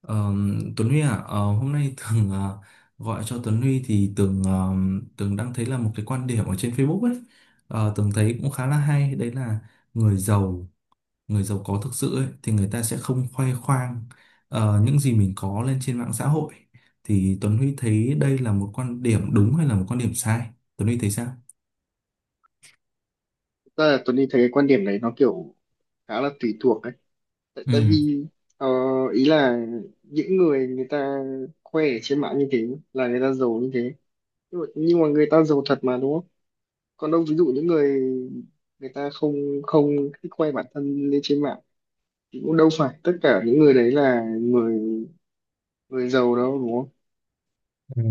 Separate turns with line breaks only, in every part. Ờ, Tuấn Huy à, hôm nay Tường gọi cho Tuấn Huy thì Tường đang thấy là một cái quan điểm ở trên Facebook ấy. Tường thấy cũng khá là hay, đấy là người giàu, người giàu có thực sự ấy, thì người ta sẽ không khoe khoang những gì mình có lên trên mạng xã hội. Thì Tuấn Huy thấy đây là một quan điểm đúng hay là một quan điểm sai? Tuấn Huy thấy sao?
Thật là Tuấn Linh thấy cái quan điểm đấy nó kiểu khá là tùy thuộc đấy. tại, tại
Ừ.
vì ờ, ý là những người, người ta khoe ở trên mạng như thế là người ta giàu như thế, nhưng mà người ta giàu thật mà, đúng không? Còn đâu ví dụ những người người ta không không thích khoe bản thân lên trên mạng, thì cũng đâu phải tất cả những người đấy là người người giàu đâu, đúng không?
Ừ.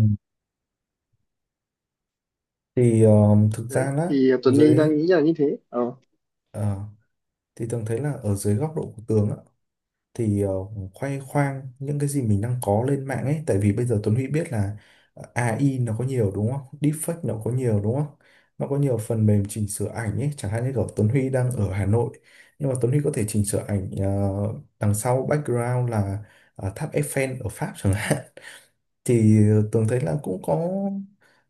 Thì thực
Đấy
ra là
thì Tuấn Linh
dưới
đang nghĩ là như thế. Ờ
ờ, thì Tường thấy là ở dưới góc độ của Tường á, thì khoe khoang những cái gì mình đang có lên mạng ấy, tại vì bây giờ Tuấn Huy biết là AI nó có nhiều đúng không, deepfake nó có nhiều đúng không, nó có nhiều phần mềm chỉnh sửa ảnh ấy, chẳng hạn như kiểu Tuấn Huy đang ở Hà Nội nhưng mà Tuấn Huy có thể chỉnh sửa ảnh, đằng sau background là tháp Eiffel ở Pháp chẳng hạn. Thì Tường thấy là cũng có,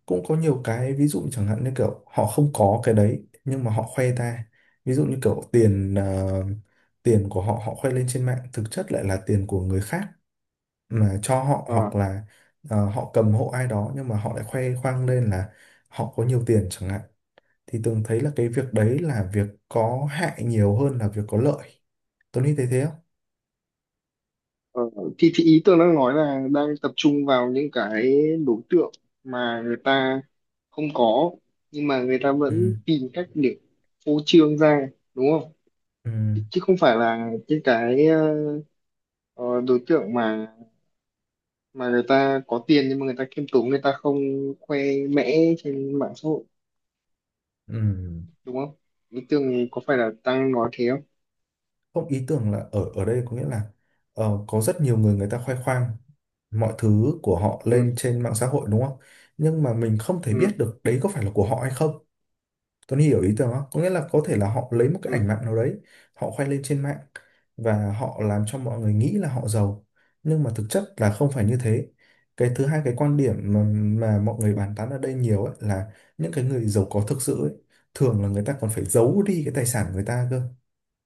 nhiều cái ví dụ chẳng hạn như kiểu họ không có cái đấy nhưng mà họ khoe ra, ví dụ như kiểu tiền, tiền của họ họ khoe lên trên mạng thực chất lại là tiền của người khác mà cho họ,
Ờ.
hoặc là họ cầm hộ ai đó nhưng mà họ lại khoe khoang lên là họ có nhiều tiền chẳng hạn. Thì Tường thấy là cái việc đấy là việc có hại nhiều hơn là việc có lợi. Tony thấy thế không?
Ờ, thì ý tôi đang nói là đang tập trung vào những cái đối tượng mà người ta không có, nhưng mà người ta
Ừ.
vẫn tìm cách để phô trương ra, đúng không?
Ừ.
Chứ chứ không phải là những cái ờ, đối tượng mà người ta có tiền nhưng mà người ta khiêm tốn, người ta không khoe mẽ trên mạng xã hội,
Ừ.
đúng không? Ý tưởng có phải là đang nói thế không?
Không, ý tưởng là ở ở đây có nghĩa là, có rất nhiều người người ta khoe khoang mọi thứ của họ lên
Ừ,
trên mạng xã hội, đúng không, nhưng mà mình không thể biết
ừ,
được đấy có phải là của họ hay không. Tuấn hiểu ý tưởng không, có nghĩa là có thể là họ lấy một cái
ừ,
ảnh mạng nào đấy họ khoe lên trên mạng và họ làm cho mọi người nghĩ là họ giàu nhưng mà thực chất là không phải như thế. Cái thứ hai, cái quan điểm mà mọi người bàn tán ở đây nhiều ấy, là những cái người giàu có thực sự ấy, thường là người ta còn phải giấu đi cái tài sản của người ta cơ,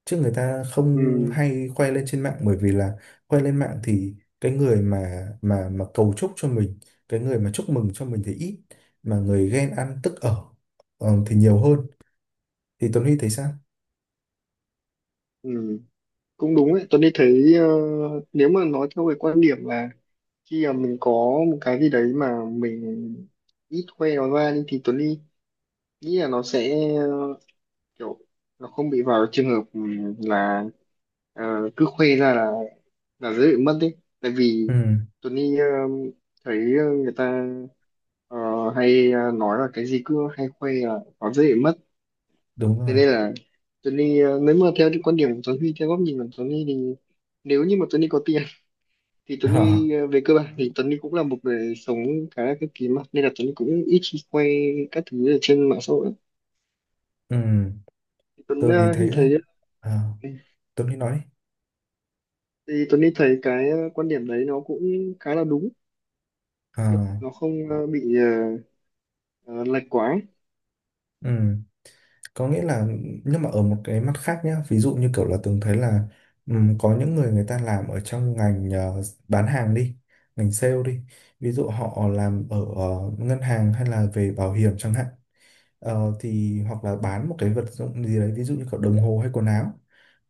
chứ người ta không
ừ,
hay khoe lên trên mạng, bởi vì là khoe lên mạng thì cái người mà cầu chúc cho mình, cái người mà chúc mừng cho mình thì ít, mà người ghen ăn tức ở thì nhiều hơn. Thì Tuấn Huy thấy sao?
ừ. Cũng đúng ấy, tôi đi thấy nếu mà nói theo cái quan điểm là khi mà mình có một cái gì đấy mà mình ít khoe nó ra đi, thì Tuấn Ly nghĩ là nó sẽ kiểu nó không bị vào trường hợp là cứ khoe ra là dễ bị mất đấy. Tại vì
Ừ,
Tuấn Ly thấy người ta ờ, hay nói là cái gì cứ hay khoe là nó dễ bị mất.
đúng
Thế
rồi.
nên là Tuấn Ly, nếu mà theo cái quan điểm của Tuấn Ly, theo góc nhìn của Tuấn Ly, thì nếu như mà Tuấn Ly có tiền thì Tuấn
Ờ,
Huy về cơ bản thì Tuấn Huy cũng là một người sống khá là cực kỳ mà, nên là Tuấn Huy cũng ít khi quay các thứ ở trên mạng xã hội lắm.
ừ,
thì Tuấn
tôi mới
ờ, Huy
thấy đấy.
thấy
Ờ,
ờ,
Tuấn Huy nói đi.
thì Tuấn Huy thấy cái quan điểm đấy nó cũng khá là đúng,
Ờ.
kiểu nó không bị ờ, lệch quá ấy.
Ừ. Có nghĩa là, nhưng mà ở một cái mặt khác nhá, ví dụ như kiểu là Tường thấy là có những người người ta làm ở trong ngành, bán hàng đi, ngành sale đi, ví dụ họ làm ở ngân hàng hay là về bảo hiểm chẳng hạn. Thì hoặc là bán một cái vật dụng gì đấy ví dụ như kiểu đồng hồ hay quần áo,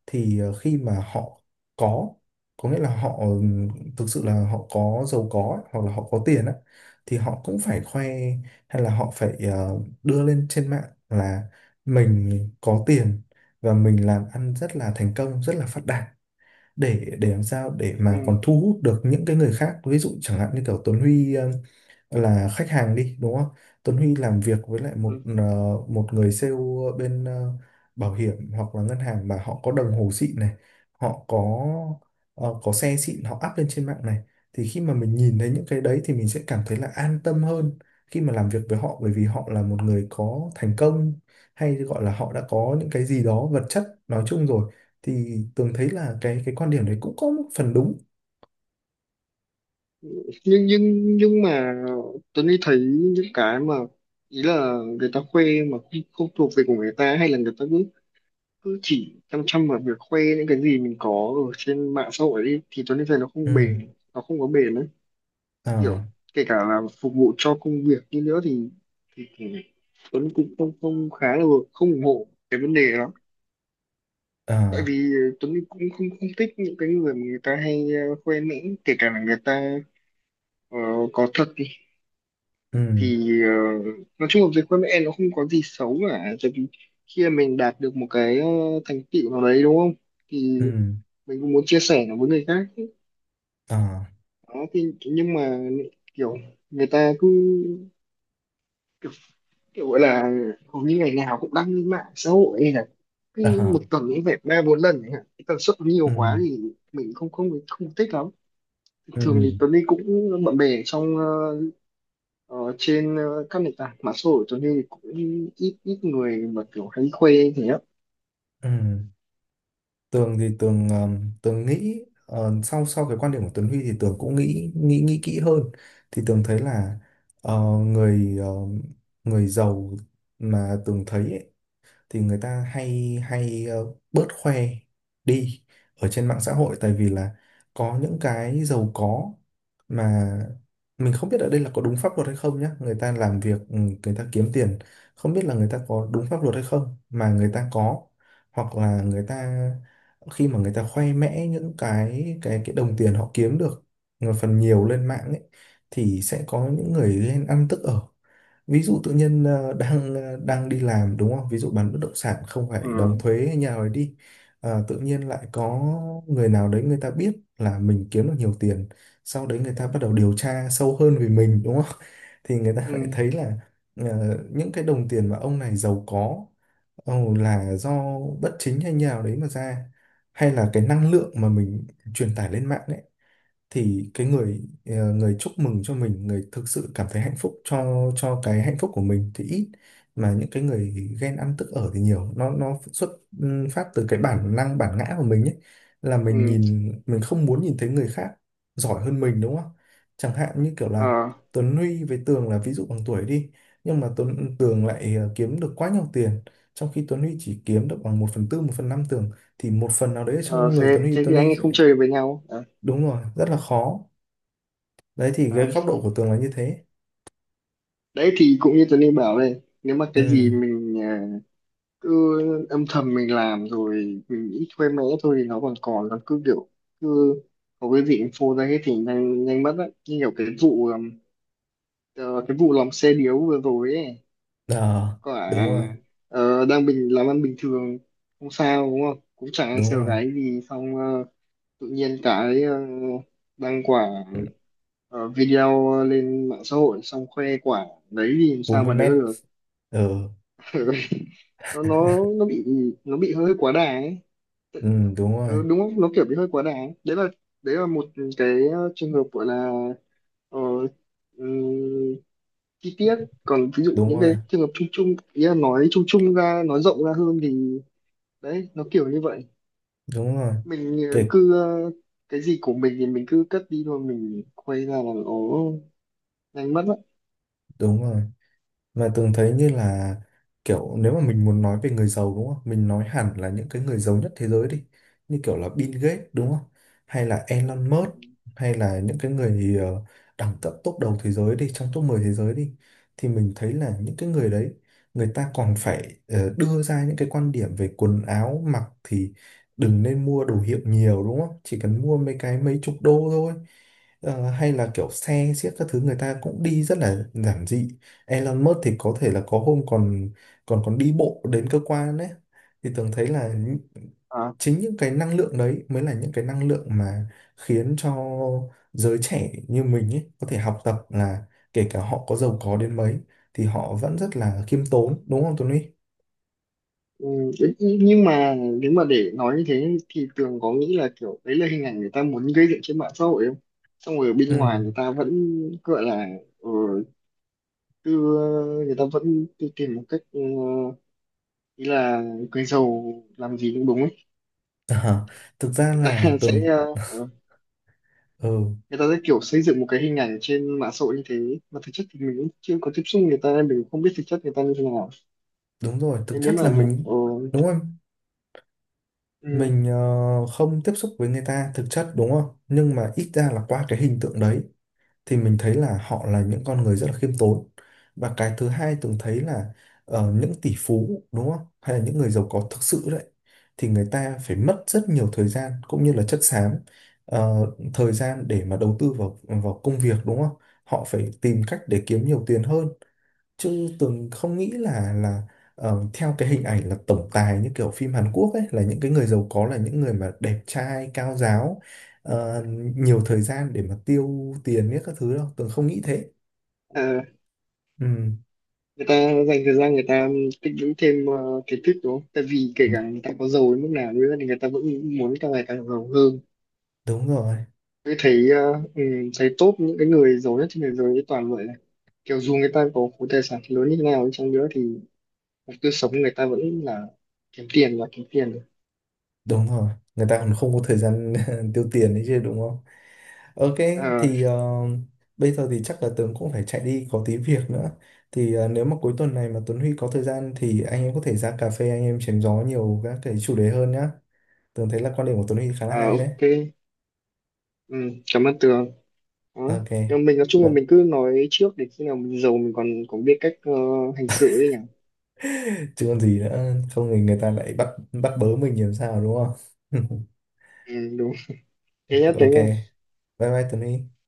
thì khi mà họ có có nghĩa là họ thực sự là họ có giàu có ấy, hoặc là họ có tiền á, thì họ cũng phải khoe, hay là họ phải đưa lên trên mạng là mình có tiền và mình làm ăn rất là thành công, rất là phát đạt, để làm sao để mà
ừ.
còn thu hút được những cái người khác. Ví dụ chẳng hạn như kiểu Tuấn Huy là khách hàng đi, đúng không? Tuấn Huy làm việc với lại một,
ừ.
một người sale bên, bảo hiểm hoặc là ngân hàng, mà họ có đồng hồ xịn này, họ có xe xịn họ up lên trên mạng này, thì khi mà mình nhìn thấy những cái đấy thì mình sẽ cảm thấy là an tâm hơn khi mà làm việc với họ, bởi vì họ là một người có thành công, hay gọi là họ đã có những cái gì đó vật chất nói chung rồi. Thì Tường thấy là cái quan điểm đấy cũng có một phần đúng.
Nhưng mà Tuấn Huy thấy những cái mà ý là người ta khoe mà không thuộc về của người ta, hay là người ta cứ cứ chỉ chăm chăm vào việc khoe những cái gì mình có ở trên mạng xã hội ấy, thì Tuấn Huy thấy nó không
Ừ.
bền, nó không có bền đấy. Kiểu
À.
kể cả là phục vụ cho công việc như nữa thì Tuấn cũng không không khá là không ủng hộ cái vấn đề đó. Tại
À.
vì Tuấn cũng không không thích những cái người mà người ta hay khoe mẽ, kể cả là người ta ờ, có thật đi,
Ừ.
thì nói chung là việc khoe mẽ nó không có gì xấu cả. Tại vì khi mà mình đạt được một cái thành tựu nào đấy, đúng không, thì
Ừ.
mình cũng muốn chia sẻ nó với người khác.
À.
Đó, thì nhưng mà kiểu người ta cứ kiểu gọi là hầu như ngày nào cũng đăng lên mạng xã hội, hay là cái một
À,
tuần cũng phải ba bốn lần ấy hả? Cái tần suất nó nhiều
ừ,
quá thì mình không không không thích lắm.
ừ,
Thường thì Tuấn đi cũng bận bè trong ờ, trên các nền tảng mạng xã hội, Tuấn đi cũng ít ít người mà kiểu hay khoe thế á.
ừ. Tường thì Tường Tường nghĩ, sau sau cái quan điểm của Tuấn Huy thì Tường cũng nghĩ nghĩ nghĩ kỹ hơn. Thì Tường thấy là, ờ, người ờ, người giàu mà Tường thấy ấy, thì người ta hay hay, bớt khoe đi ở trên mạng xã hội, tại vì là có những cái giàu có mà mình không biết ở đây là có đúng pháp luật hay không nhá. Người ta làm việc, người ta kiếm tiền, không biết là người ta có đúng pháp luật hay không, mà người ta có, hoặc là người ta khi mà người ta khoe mẽ những cái đồng tiền họ kiếm được một phần nhiều lên mạng ấy, thì sẽ có những người ghen ăn tức ở. Ví dụ tự nhiên đang, ờ, đang đi làm đúng không, ví dụ bán bất động sản không phải đóng
ừ.
thuế hay nhà rồi đi. Tự nhiên lại
ừ
có người nào đấy người ta biết là mình kiếm được nhiều tiền, sau đấy người ta bắt đầu điều tra sâu hơn về mình đúng không, thì người ta
ừ
lại thấy là những cái đồng tiền mà ông này giàu có, là do bất chính hay nhà nào đấy mà ra, hay là cái năng lượng mà mình truyền tải lên mạng ấy, thì cái người, người chúc mừng cho mình, người thực sự cảm thấy hạnh phúc cho cái hạnh phúc của mình thì ít, mà những cái người ghen ăn tức ở thì nhiều. Nó xuất, phát từ cái bản năng bản ngã của mình ấy, là mình
ừ
nhìn, mình không muốn nhìn thấy người khác giỏi hơn mình đúng không. Chẳng hạn như kiểu là
Ờ,
Tuấn Huy với Tường là ví dụ bằng tuổi đi, nhưng mà Tuấn Tường lại kiếm được quá nhiều tiền, trong khi Tuấn Huy chỉ kiếm được bằng một phần tư, một phần năm Tường, thì một phần nào đấy ở
ờ,
trong người
thế,
Tuấn Huy,
thế
Tuấn
thì anh
Huy
ấy
sẽ,
không chơi với nhau à?
đúng rồi, rất là khó. Đấy thì cái
à.
góc độ của tường là như thế.
Đấy thì cũng như Tuấn đi bảo đây, nếu mà cái gì
Ừ.
mình cứ âm thầm mình làm rồi mình nghĩ thuê mẽ thôi, thì nó còn còn nó cứ kiểu cứ có cái gì info ra hết thì nhanh nhanh mất á. Như kiểu cái vụ ờ, cái vụ lòng xe điếu vừa rồi ấy,
Ờ,
quả
đúng rồi.
đang bình làm ăn bình thường không sao, đúng không, cũng chẳng ai
Đúng
sờ
rồi.
gáy gì, xong tự nhiên cái đăng quả
Ừ,
video lên mạng xã hội xong khoe quả đấy thì làm
bốn
sao
mươi
mà đỡ
mét
được?
Ừ,
Nó bị, nó bị hơi quá đà ấy.
ừ, đúng rồi.
Ừ, đúng không? Nó kiểu bị hơi quá đáng. Đấy là một cái trường hợp gọi là ờ, ừm, chi tiết. Còn ví dụ
Đúng
những
rồi.
cái trường hợp chung chung, ý là nói chung chung ra, nói rộng ra hơn, thì đấy nó kiểu như vậy.
Đúng rồi.
Mình
Kịp.
cứ cái gì của mình thì mình cứ cất đi thôi, mình quay ra là nó nhanh mất
Đúng rồi. Mà Tường thấy như là kiểu nếu mà mình muốn nói về người giàu đúng không? Mình nói hẳn là những cái người giàu nhất thế giới đi. Như kiểu là Bill Gates đúng không? Hay là Elon Musk, hay là những cái người, đẳng cấp top đầu thế giới đi, trong top 10 thế giới đi. Thì mình thấy là những cái người đấy người ta còn phải đưa ra những cái quan điểm về quần áo mặc thì đừng nên mua đồ hiệu nhiều đúng không? Chỉ cần mua mấy cái mấy chục đô thôi. Hay là kiểu xe xiếc các thứ người ta cũng đi rất là giản dị. Elon Musk thì có thể là có hôm còn còn còn đi bộ đến cơ quan đấy. Thì tưởng thấy là
á.
chính những cái năng lượng đấy mới là những cái năng lượng mà khiến cho giới trẻ như mình ấy có thể học tập, là kể cả họ có giàu có đến mấy thì họ vẫn rất là khiêm tốn, đúng không Tuấn Huy?
Ừ, đấy, nhưng mà nếu mà để nói như thế thì Tường có nghĩ là kiểu đấy là hình ảnh người ta muốn gây dựng trên mạng xã hội không? Xong rồi ở bên
Ừ.
ngoài người ta vẫn gọi là ờ, người ta vẫn cứ tìm một cách, ý là người giàu làm gì cũng đúng ấy.
À, thực ra
Người ta
là tưởng,
sẽ
ừ,
người ta sẽ kiểu xây dựng một cái hình ảnh trên mạng xã hội như thế, mà thực chất thì mình cũng chưa có tiếp xúc người ta nên mình không biết thực chất người ta như thế nào.
đúng rồi, thực
Nên nếu
chất
mà
là
ờ,
mình, đúng không,
ừ,
mình không tiếp xúc với người ta thực chất đúng không, nhưng mà ít ra là qua cái hình tượng đấy thì mình thấy là họ là những con người rất là khiêm tốn. Và cái thứ hai từng thấy là những tỷ phú đúng không, hay là những người giàu có thực sự đấy, thì người ta phải mất rất nhiều thời gian cũng như là chất xám, ờ, thời gian để mà đầu tư vào vào công việc đúng không, họ phải tìm cách để kiếm nhiều tiền hơn. Chứ Tường không nghĩ là theo cái hình ảnh là tổng tài như kiểu phim Hàn Quốc ấy, là những cái người giàu có là những người mà đẹp trai cao ráo, ờ, nhiều thời gian để mà tiêu tiền biết các thứ đâu, Tường không nghĩ thế.
ờ,
Ừ,
người ta dành thời gian người ta tích lũy thêm kiến thức, đúng không? Tại vì kể
đ-
cả người ta có giàu đến mức nào đi nữa thì người ta vẫn muốn càng ngày càng giàu hơn.
đúng rồi.
Tôi thấy thấy top những cái người giàu nhất trên thế giới toàn vậy này. Kiểu dù người ta có khối tài sản lớn như thế nào đi chăng nữa thì cuộc tiêu sống người ta vẫn là kiếm tiền và kiếm tiền.
Đúng rồi, người ta còn không có thời gian tiêu tiền đấy chứ đúng không. Ok,
Ờ,
thì bây giờ thì chắc là Tường cũng phải chạy đi có tí việc nữa, thì nếu mà cuối tuần này mà Tuấn Huy có thời gian thì anh em có thể ra cà phê anh em chém gió nhiều các cái chủ đề hơn nhá. Tường thấy là quan điểm của Tuấn Huy khá là
à,
hay đấy.
ok, ừ, cảm ơn Tường. Đó.
Ok.
Nhưng mà mình nói chung là
Vâng.
mình cứ nói trước để khi nào mình giàu mình còn có biết cách hành xử đấy nhỉ?
Chứ còn gì nữa, không thì người ta lại bắt bắt bớ mình làm sao đúng không?
Ừ, đúng. Thế nhá, thế
Ok.
nhá.
Bye bye Tuấn Huy.